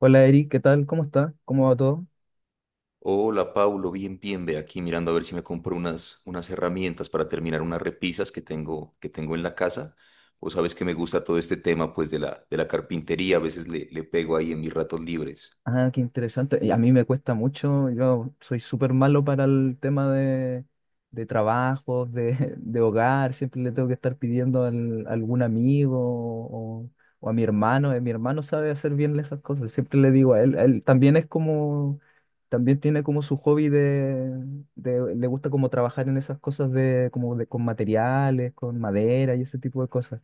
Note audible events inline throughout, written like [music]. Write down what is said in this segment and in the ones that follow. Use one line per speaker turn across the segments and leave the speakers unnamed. Hola Eric, ¿qué tal? ¿Cómo está? ¿Cómo va todo?
Hola, Paulo, bien, bien, ve aquí mirando a ver si me compro unas herramientas para terminar unas repisas que tengo en la casa. Vos sabes que me gusta todo este tema pues de la carpintería, a veces le pego ahí en mis ratos libres.
Ah, qué interesante. Y a mí me cuesta mucho, yo soy súper malo para el tema de trabajos, [laughs] de hogar, siempre le tengo que estar pidiendo a algún amigo, o a mi hermano. Mi hermano sabe hacer bien esas cosas, siempre le digo a él, él también es como, también tiene como su hobby. Le gusta como trabajar en esas cosas de, como de, con materiales, con madera y ese tipo de cosas.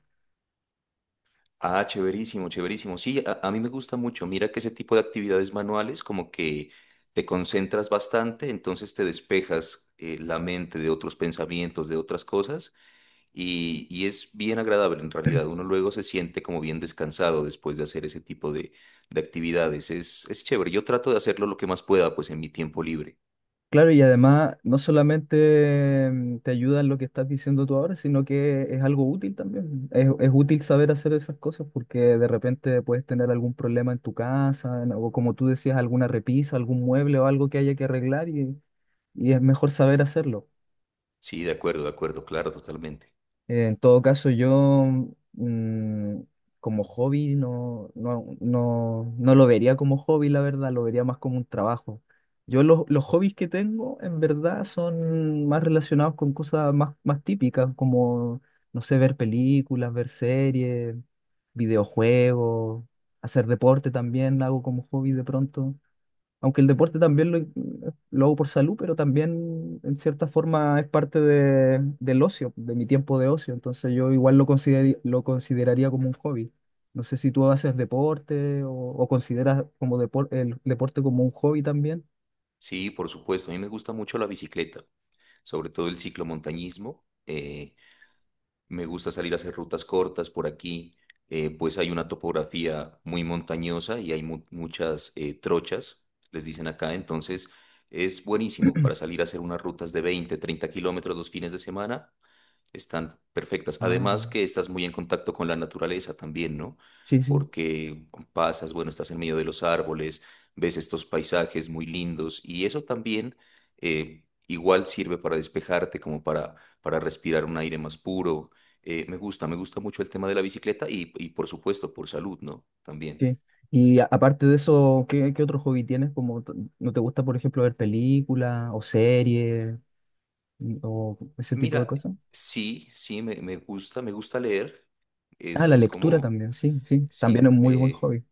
Ah, chéverísimo, chéverísimo. Sí, a mí me gusta mucho. Mira que ese tipo de actividades manuales como que te concentras bastante, entonces te despejas la mente de otros pensamientos, de otras cosas, y es bien agradable en realidad. Uno luego se siente como bien descansado después de hacer ese tipo de actividades. Es chévere. Yo trato de hacerlo lo que más pueda, pues en mi tiempo libre.
Claro, y además no solamente te ayuda en lo que estás diciendo tú ahora, sino que es algo útil también. Es útil saber hacer esas cosas porque de repente puedes tener algún problema en tu casa, o como tú decías, alguna repisa, algún mueble o algo que haya que arreglar, y es mejor saber hacerlo.
Sí, de acuerdo, claro, totalmente.
En todo caso, yo mm, como hobby no lo vería como hobby, la verdad, lo vería más como un trabajo. Yo los hobbies que tengo, en verdad, son más relacionados con cosas más típicas, como, no sé, ver películas, ver series, videojuegos, hacer deporte también, lo hago como hobby de pronto. Aunque el deporte también lo hago por salud, pero también en cierta forma es parte del ocio, de mi tiempo de ocio. Entonces yo igual lo consideraría como un hobby. No sé si tú haces deporte o consideras como el deporte como un hobby también.
Sí, por supuesto. A mí me gusta mucho la bicicleta, sobre todo el ciclomontañismo. Me gusta salir a hacer rutas cortas por aquí, pues hay una topografía muy montañosa y hay muchas trochas, les dicen acá, entonces es buenísimo para
[clears throat]
salir a hacer unas rutas de 20, 30 kilómetros los fines de semana están perfectas.
Ah, ya.
Además que estás muy en contacto con la naturaleza también, ¿no?
Sí, sí,
Porque pasas, bueno, estás en medio de los árboles, ves estos paisajes muy lindos y eso también igual sirve para despejarte, como para respirar un aire más puro. Me gusta mucho el tema de la bicicleta y por supuesto por salud, ¿no? También.
sí. Y aparte de eso, ¿qué otro hobby tienes? Como, ¿no te gusta, por ejemplo, ver películas o series, o ese tipo de
Mira,
cosas?
sí, sí, me gusta leer.
Ah,
Es,
la
es
lectura
como,
también, sí, sí.
sí,
También es muy buen
me...
hobby.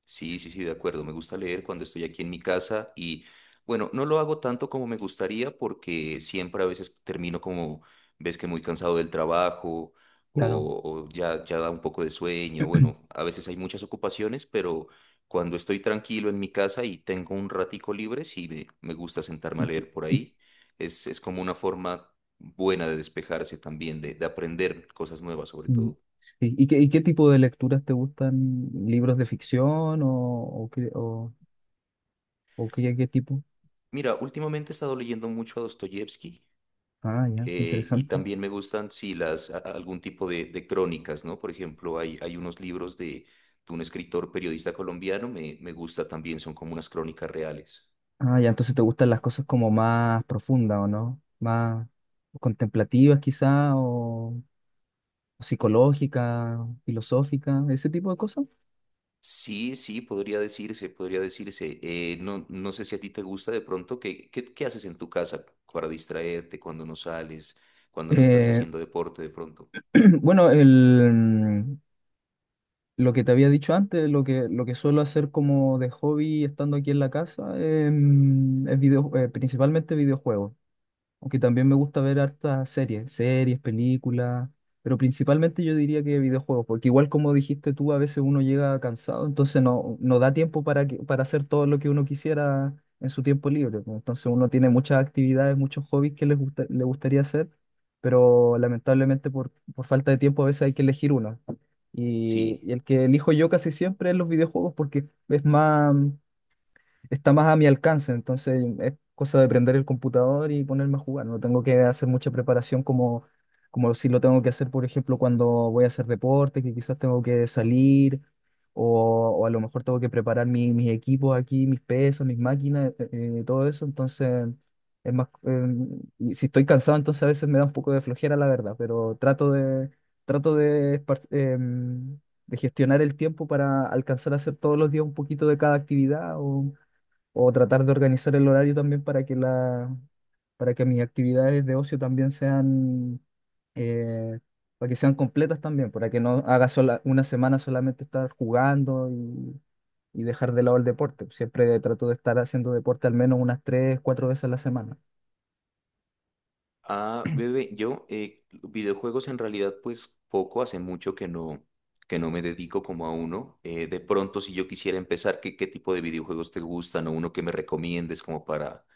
Sí, sí, sí, de acuerdo. Me gusta leer cuando estoy aquí en mi casa y bueno, no lo hago tanto como me gustaría porque siempre a veces termino como, ves que muy cansado del trabajo
Claro.
o ya, ya da un poco de sueño. Bueno, a veces hay muchas ocupaciones, pero cuando estoy tranquilo en mi casa y tengo un ratico libre, sí me gusta sentarme a
¿Y qué,
leer por
y,
ahí. Es como una forma buena de despejarse también, de aprender cosas nuevas sobre
y-
todo.
sí, ¿y qué tipo de lecturas te gustan? ¿Libros de ficción o, qué, o, o qué tipo?
Mira, últimamente he estado leyendo mucho a Dostoyevsky.
Ah, ya, qué
Y
interesante.
también me gustan, sí, algún tipo de crónicas, ¿no? Por ejemplo, hay unos libros de un escritor periodista colombiano, me gusta también, son como unas crónicas reales.
Ah, ya, entonces te gustan las cosas como más profundas, ¿o no? Más contemplativas quizá, o psicológicas, filosóficas, ese tipo de cosas.
Sí, sí, podría decirse, podría decirse. No, no sé si a ti te gusta de pronto, ¿qué haces en tu casa para distraerte cuando no sales, cuando no estás
Eh,
haciendo deporte de pronto?
[clears throat] bueno, lo que te había dicho antes, lo que suelo hacer como de hobby estando aquí en la casa, es principalmente videojuegos. Aunque también me gusta ver hartas series, películas, pero principalmente yo diría que videojuegos, porque igual como dijiste tú, a veces uno llega cansado, entonces no da tiempo para hacer todo lo que uno quisiera en su tiempo libre, pues. Entonces uno tiene muchas actividades, muchos hobbies que les gusta, le gustaría hacer, pero lamentablemente por falta de tiempo a veces hay que elegir uno. Y,
Sí.
y el que elijo yo casi siempre es los videojuegos porque es más, está más a mi alcance, entonces es cosa de prender el computador y ponerme a jugar. No tengo que hacer mucha preparación como, si lo tengo que hacer, por ejemplo, cuando voy a hacer deporte, que quizás tengo que salir, o a lo mejor tengo que preparar mis equipos aquí, mis pesos, mis máquinas, todo eso. Entonces, es más, y si estoy cansado, entonces a veces me da un poco de flojera, la verdad, pero trato de gestionar el tiempo para alcanzar a hacer todos los días un poquito de cada actividad, o tratar de organizar el horario también para que mis actividades de ocio también sean, eh, para que sean completas también, para que no haga sola, una semana solamente estar jugando, y dejar de lado el deporte. Siempre trato de estar haciendo deporte al menos unas 3, 4 veces a la semana.
Ah, bebé, yo videojuegos en realidad pues poco, hace mucho que no me dedico como a uno. De pronto si yo quisiera empezar, ¿qué tipo de videojuegos te gustan o uno que me recomiendes como para,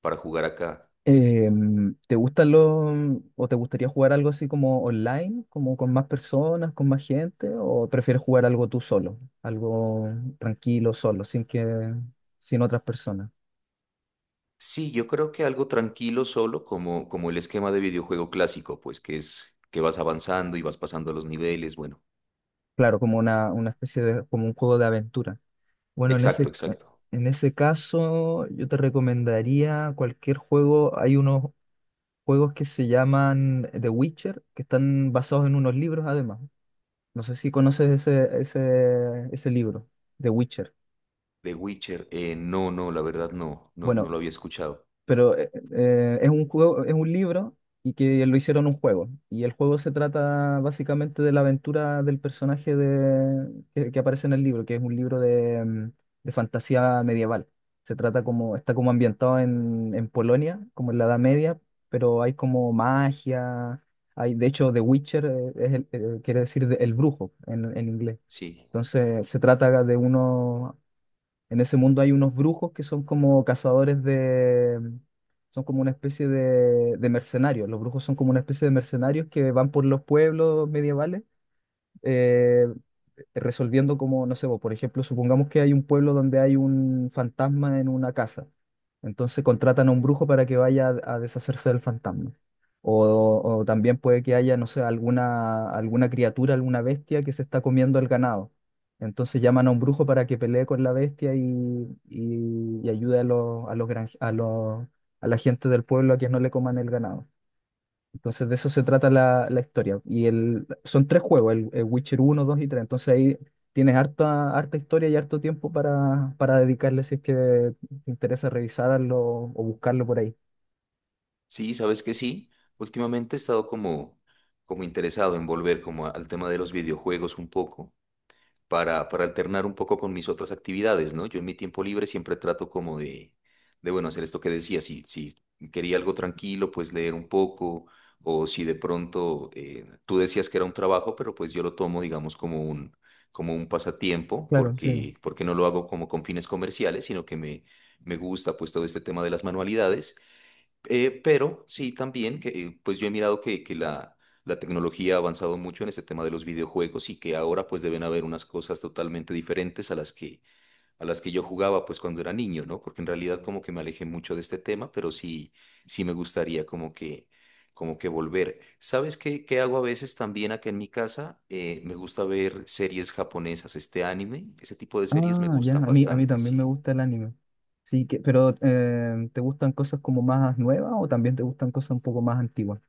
para jugar acá?
¿Te gustan o te gustaría jugar algo así como online, como con más personas, con más gente, o prefieres jugar algo tú solo, algo tranquilo, solo, sin otras personas?
Sí, yo creo que algo tranquilo solo, como el esquema de videojuego clásico, pues que es que vas avanzando y vas pasando los niveles, bueno.
Claro, como una especie de, como un juego de aventura. Bueno,
Exacto, exacto.
en ese caso, yo te recomendaría cualquier juego. Hay unos juegos que se llaman The Witcher, que están basados en unos libros además. No sé si conoces ese libro, The Witcher.
The Witcher, no, no, la verdad no, no, no
Bueno,
lo había escuchado.
pero es un juego, es un libro y que lo hicieron un juego. Y el juego se trata básicamente de la aventura del personaje que aparece en el libro, que es un libro de fantasía medieval. Se trata está como ambientado en Polonia, como en la Edad Media, pero hay como magia. Hay, de hecho, The Witcher quiere decir el brujo en inglés.
Sí.
Entonces se trata de unos en ese mundo hay unos brujos que son como cazadores de... Son como una especie de mercenarios. Los brujos son como una especie de mercenarios que van por los pueblos medievales, eh, resolviendo como, no sé, vos, por ejemplo, supongamos que hay un pueblo donde hay un fantasma en una casa. Entonces contratan a un brujo para que vaya a deshacerse del fantasma. O también puede que haya, no sé, alguna criatura, alguna bestia que se está comiendo el ganado. Entonces llaman a un brujo para que pelee con la bestia y ayude a los, granje- a los, a la gente del pueblo a que no le coman el ganado. Entonces de eso se trata la historia. Son tres juegos, el Witcher 1, 2 y 3. Entonces ahí tienes harta, harta historia y harto tiempo para dedicarle si es que te interesa revisarlo o buscarlo por ahí.
Sí, sabes que sí. Últimamente he estado como interesado en volver como al tema de los videojuegos un poco, para alternar un poco con mis otras actividades, ¿no? Yo en mi tiempo libre siempre trato como de bueno, hacer esto que decía, si quería algo tranquilo, pues leer un poco, o si de pronto tú decías que era un trabajo, pero pues yo lo tomo, digamos, como un, pasatiempo,
Claro, sí.
porque no lo hago como con fines comerciales, sino que me gusta pues todo este tema de las manualidades. Pero sí también que pues yo he mirado que la tecnología ha avanzado mucho en este tema de los videojuegos y que ahora pues deben haber unas cosas totalmente diferentes a las que yo jugaba pues cuando era niño, ¿no? Porque en realidad como que me alejé mucho de este tema, pero sí sí me gustaría como que volver. ¿Sabes qué hago a veces también acá en mi casa? Me gusta ver series japonesas, este anime, ese tipo de series me
Ah, ya,
gustan
a mí
bastante,
también me
sí.
gusta el anime. Sí, pero ¿te gustan cosas como más nuevas o también te gustan cosas un poco más antiguas?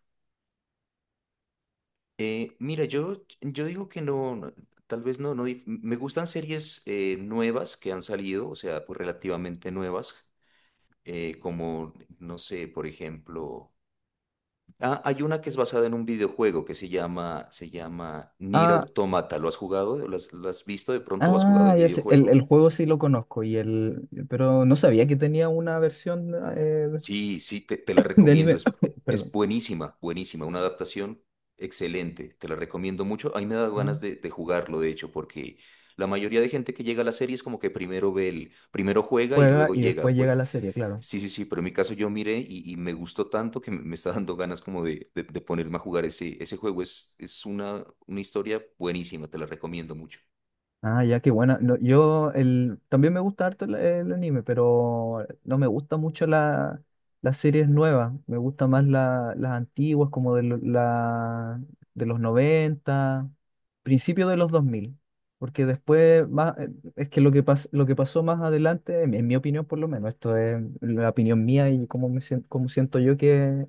Mira, yo digo que no, no, tal vez no, no, me gustan series nuevas que han salido, o sea, pues relativamente nuevas, como, no sé, por ejemplo, ah, hay una que es basada en un videojuego que se llama Nier
Ah,
Automata, ¿lo has jugado? ¿Lo has visto de pronto? ¿O has jugado
ah,
el
ya sé, el
videojuego?
juego sí lo conozco, pero no sabía que tenía una versión
Sí, sí, te la
[laughs] de
recomiendo.
anime.
Es, eh,
[coughs]
es
Perdón.
buenísima, buenísima. Una adaptación excelente. Te la recomiendo mucho. A mí me da ganas de jugarlo, de hecho, porque la mayoría de gente que llega a la serie es como que primero juega y
Juega
luego
y
llega.
después llega
Pues
la serie, claro.
sí, sí, sí, pero en mi caso yo miré y me gustó tanto que me está dando ganas como de ponerme a jugar ese juego. Es una historia buenísima, te la recomiendo mucho.
Ah, ya, qué buena. No, también me gusta harto el anime, pero no me gusta mucho las series nuevas. Me gusta más las antiguas, como de los 90, principio de los 2000. Porque después es que lo que pasó más adelante, en mi opinión por lo menos, esto es la opinión mía, y cómo siento yo que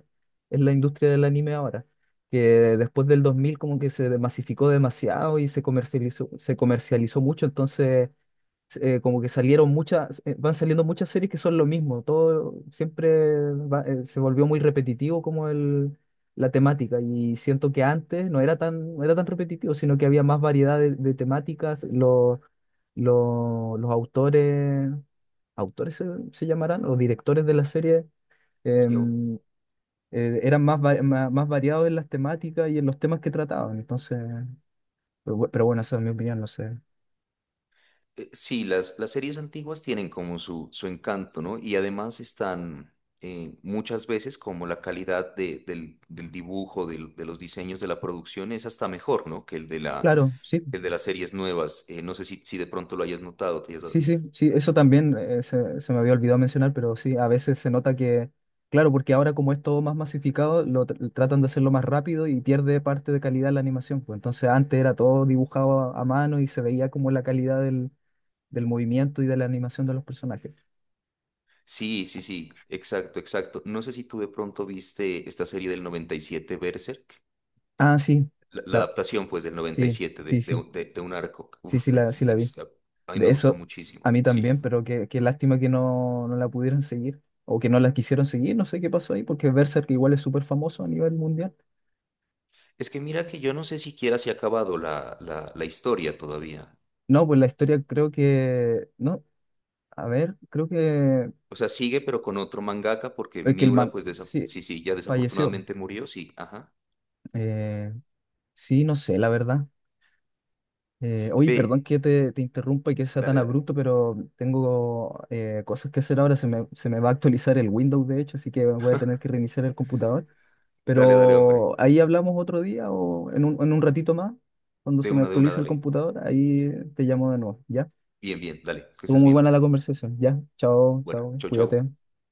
es la industria del anime ahora, que después del 2000 como que se masificó demasiado y se comercializó mucho. Entonces como que van saliendo muchas series que son lo mismo, todo siempre se volvió muy repetitivo, como la temática. Y siento que antes no era tan repetitivo, sino que había más variedad de temáticas. Los autores se llamarán, los directores de la serie.
Sí,
em, Eran más variados en las temáticas y en los temas que trataban. Entonces, pero bueno, esa es mi opinión, no sé.
sí, las series antiguas tienen como su encanto, ¿no? Y además están muchas veces como la calidad del dibujo, de los diseños de la producción es hasta mejor, ¿no? Que el de la,
Claro, sí,
el de las series nuevas. No sé si de pronto lo hayas notado.
sí, sí, sí, eso también, se me había olvidado mencionar, pero sí, a veces se nota que, claro, porque ahora como es todo más masificado, lo tratan de hacerlo más rápido y pierde parte de calidad la animación. Pues entonces antes era todo dibujado a mano y se veía como la calidad del movimiento y de la animación de los personajes.
Sí, sí, sí, exacto, exacto. No sé si tú de pronto viste esta serie del 97 Berserk.
Ah, sí,
La
la,
adaptación, pues, del noventa y
sí,
siete de,
sí,
de,
sí,
un de- de un arco.
sí,
Uf,
sí, sí la vi.
ex- a mí me
De
gustó
eso, a
muchísimo,
mí
sí.
también, pero qué lástima que no la pudieron seguir o que no la quisieron seguir, no sé qué pasó ahí, porque Berserk igual es súper famoso a nivel mundial.
Es que mira que yo no sé siquiera si ha acabado la historia todavía.
No, pues la historia creo que, no, a ver, creo
O sea, sigue pero con otro mangaka porque
que el
Miura,
man,
pues
sí,
sí, sí, ya
falleció.
desafortunadamente murió, sí, ajá.
Eh, sí, no sé, la verdad. Oye, perdón
Ve,
que te interrumpa y que sea tan
dale, dale,
abrupto, pero tengo cosas que hacer ahora, se me va a actualizar el Windows, de hecho, así que voy a tener que reiniciar el computador.
dale, dale, hombre.
Pero ahí hablamos otro día o en un ratito más, cuando se me
De una,
actualice el
dale.
computador, ahí te llamo de nuevo, ¿ya?
Bien, bien, dale, que
Estuvo
estés
muy
bien,
buena la
pues.
conversación, ¿ya? Chao,
Bueno,
chao,
chau,
cuídate.
chau.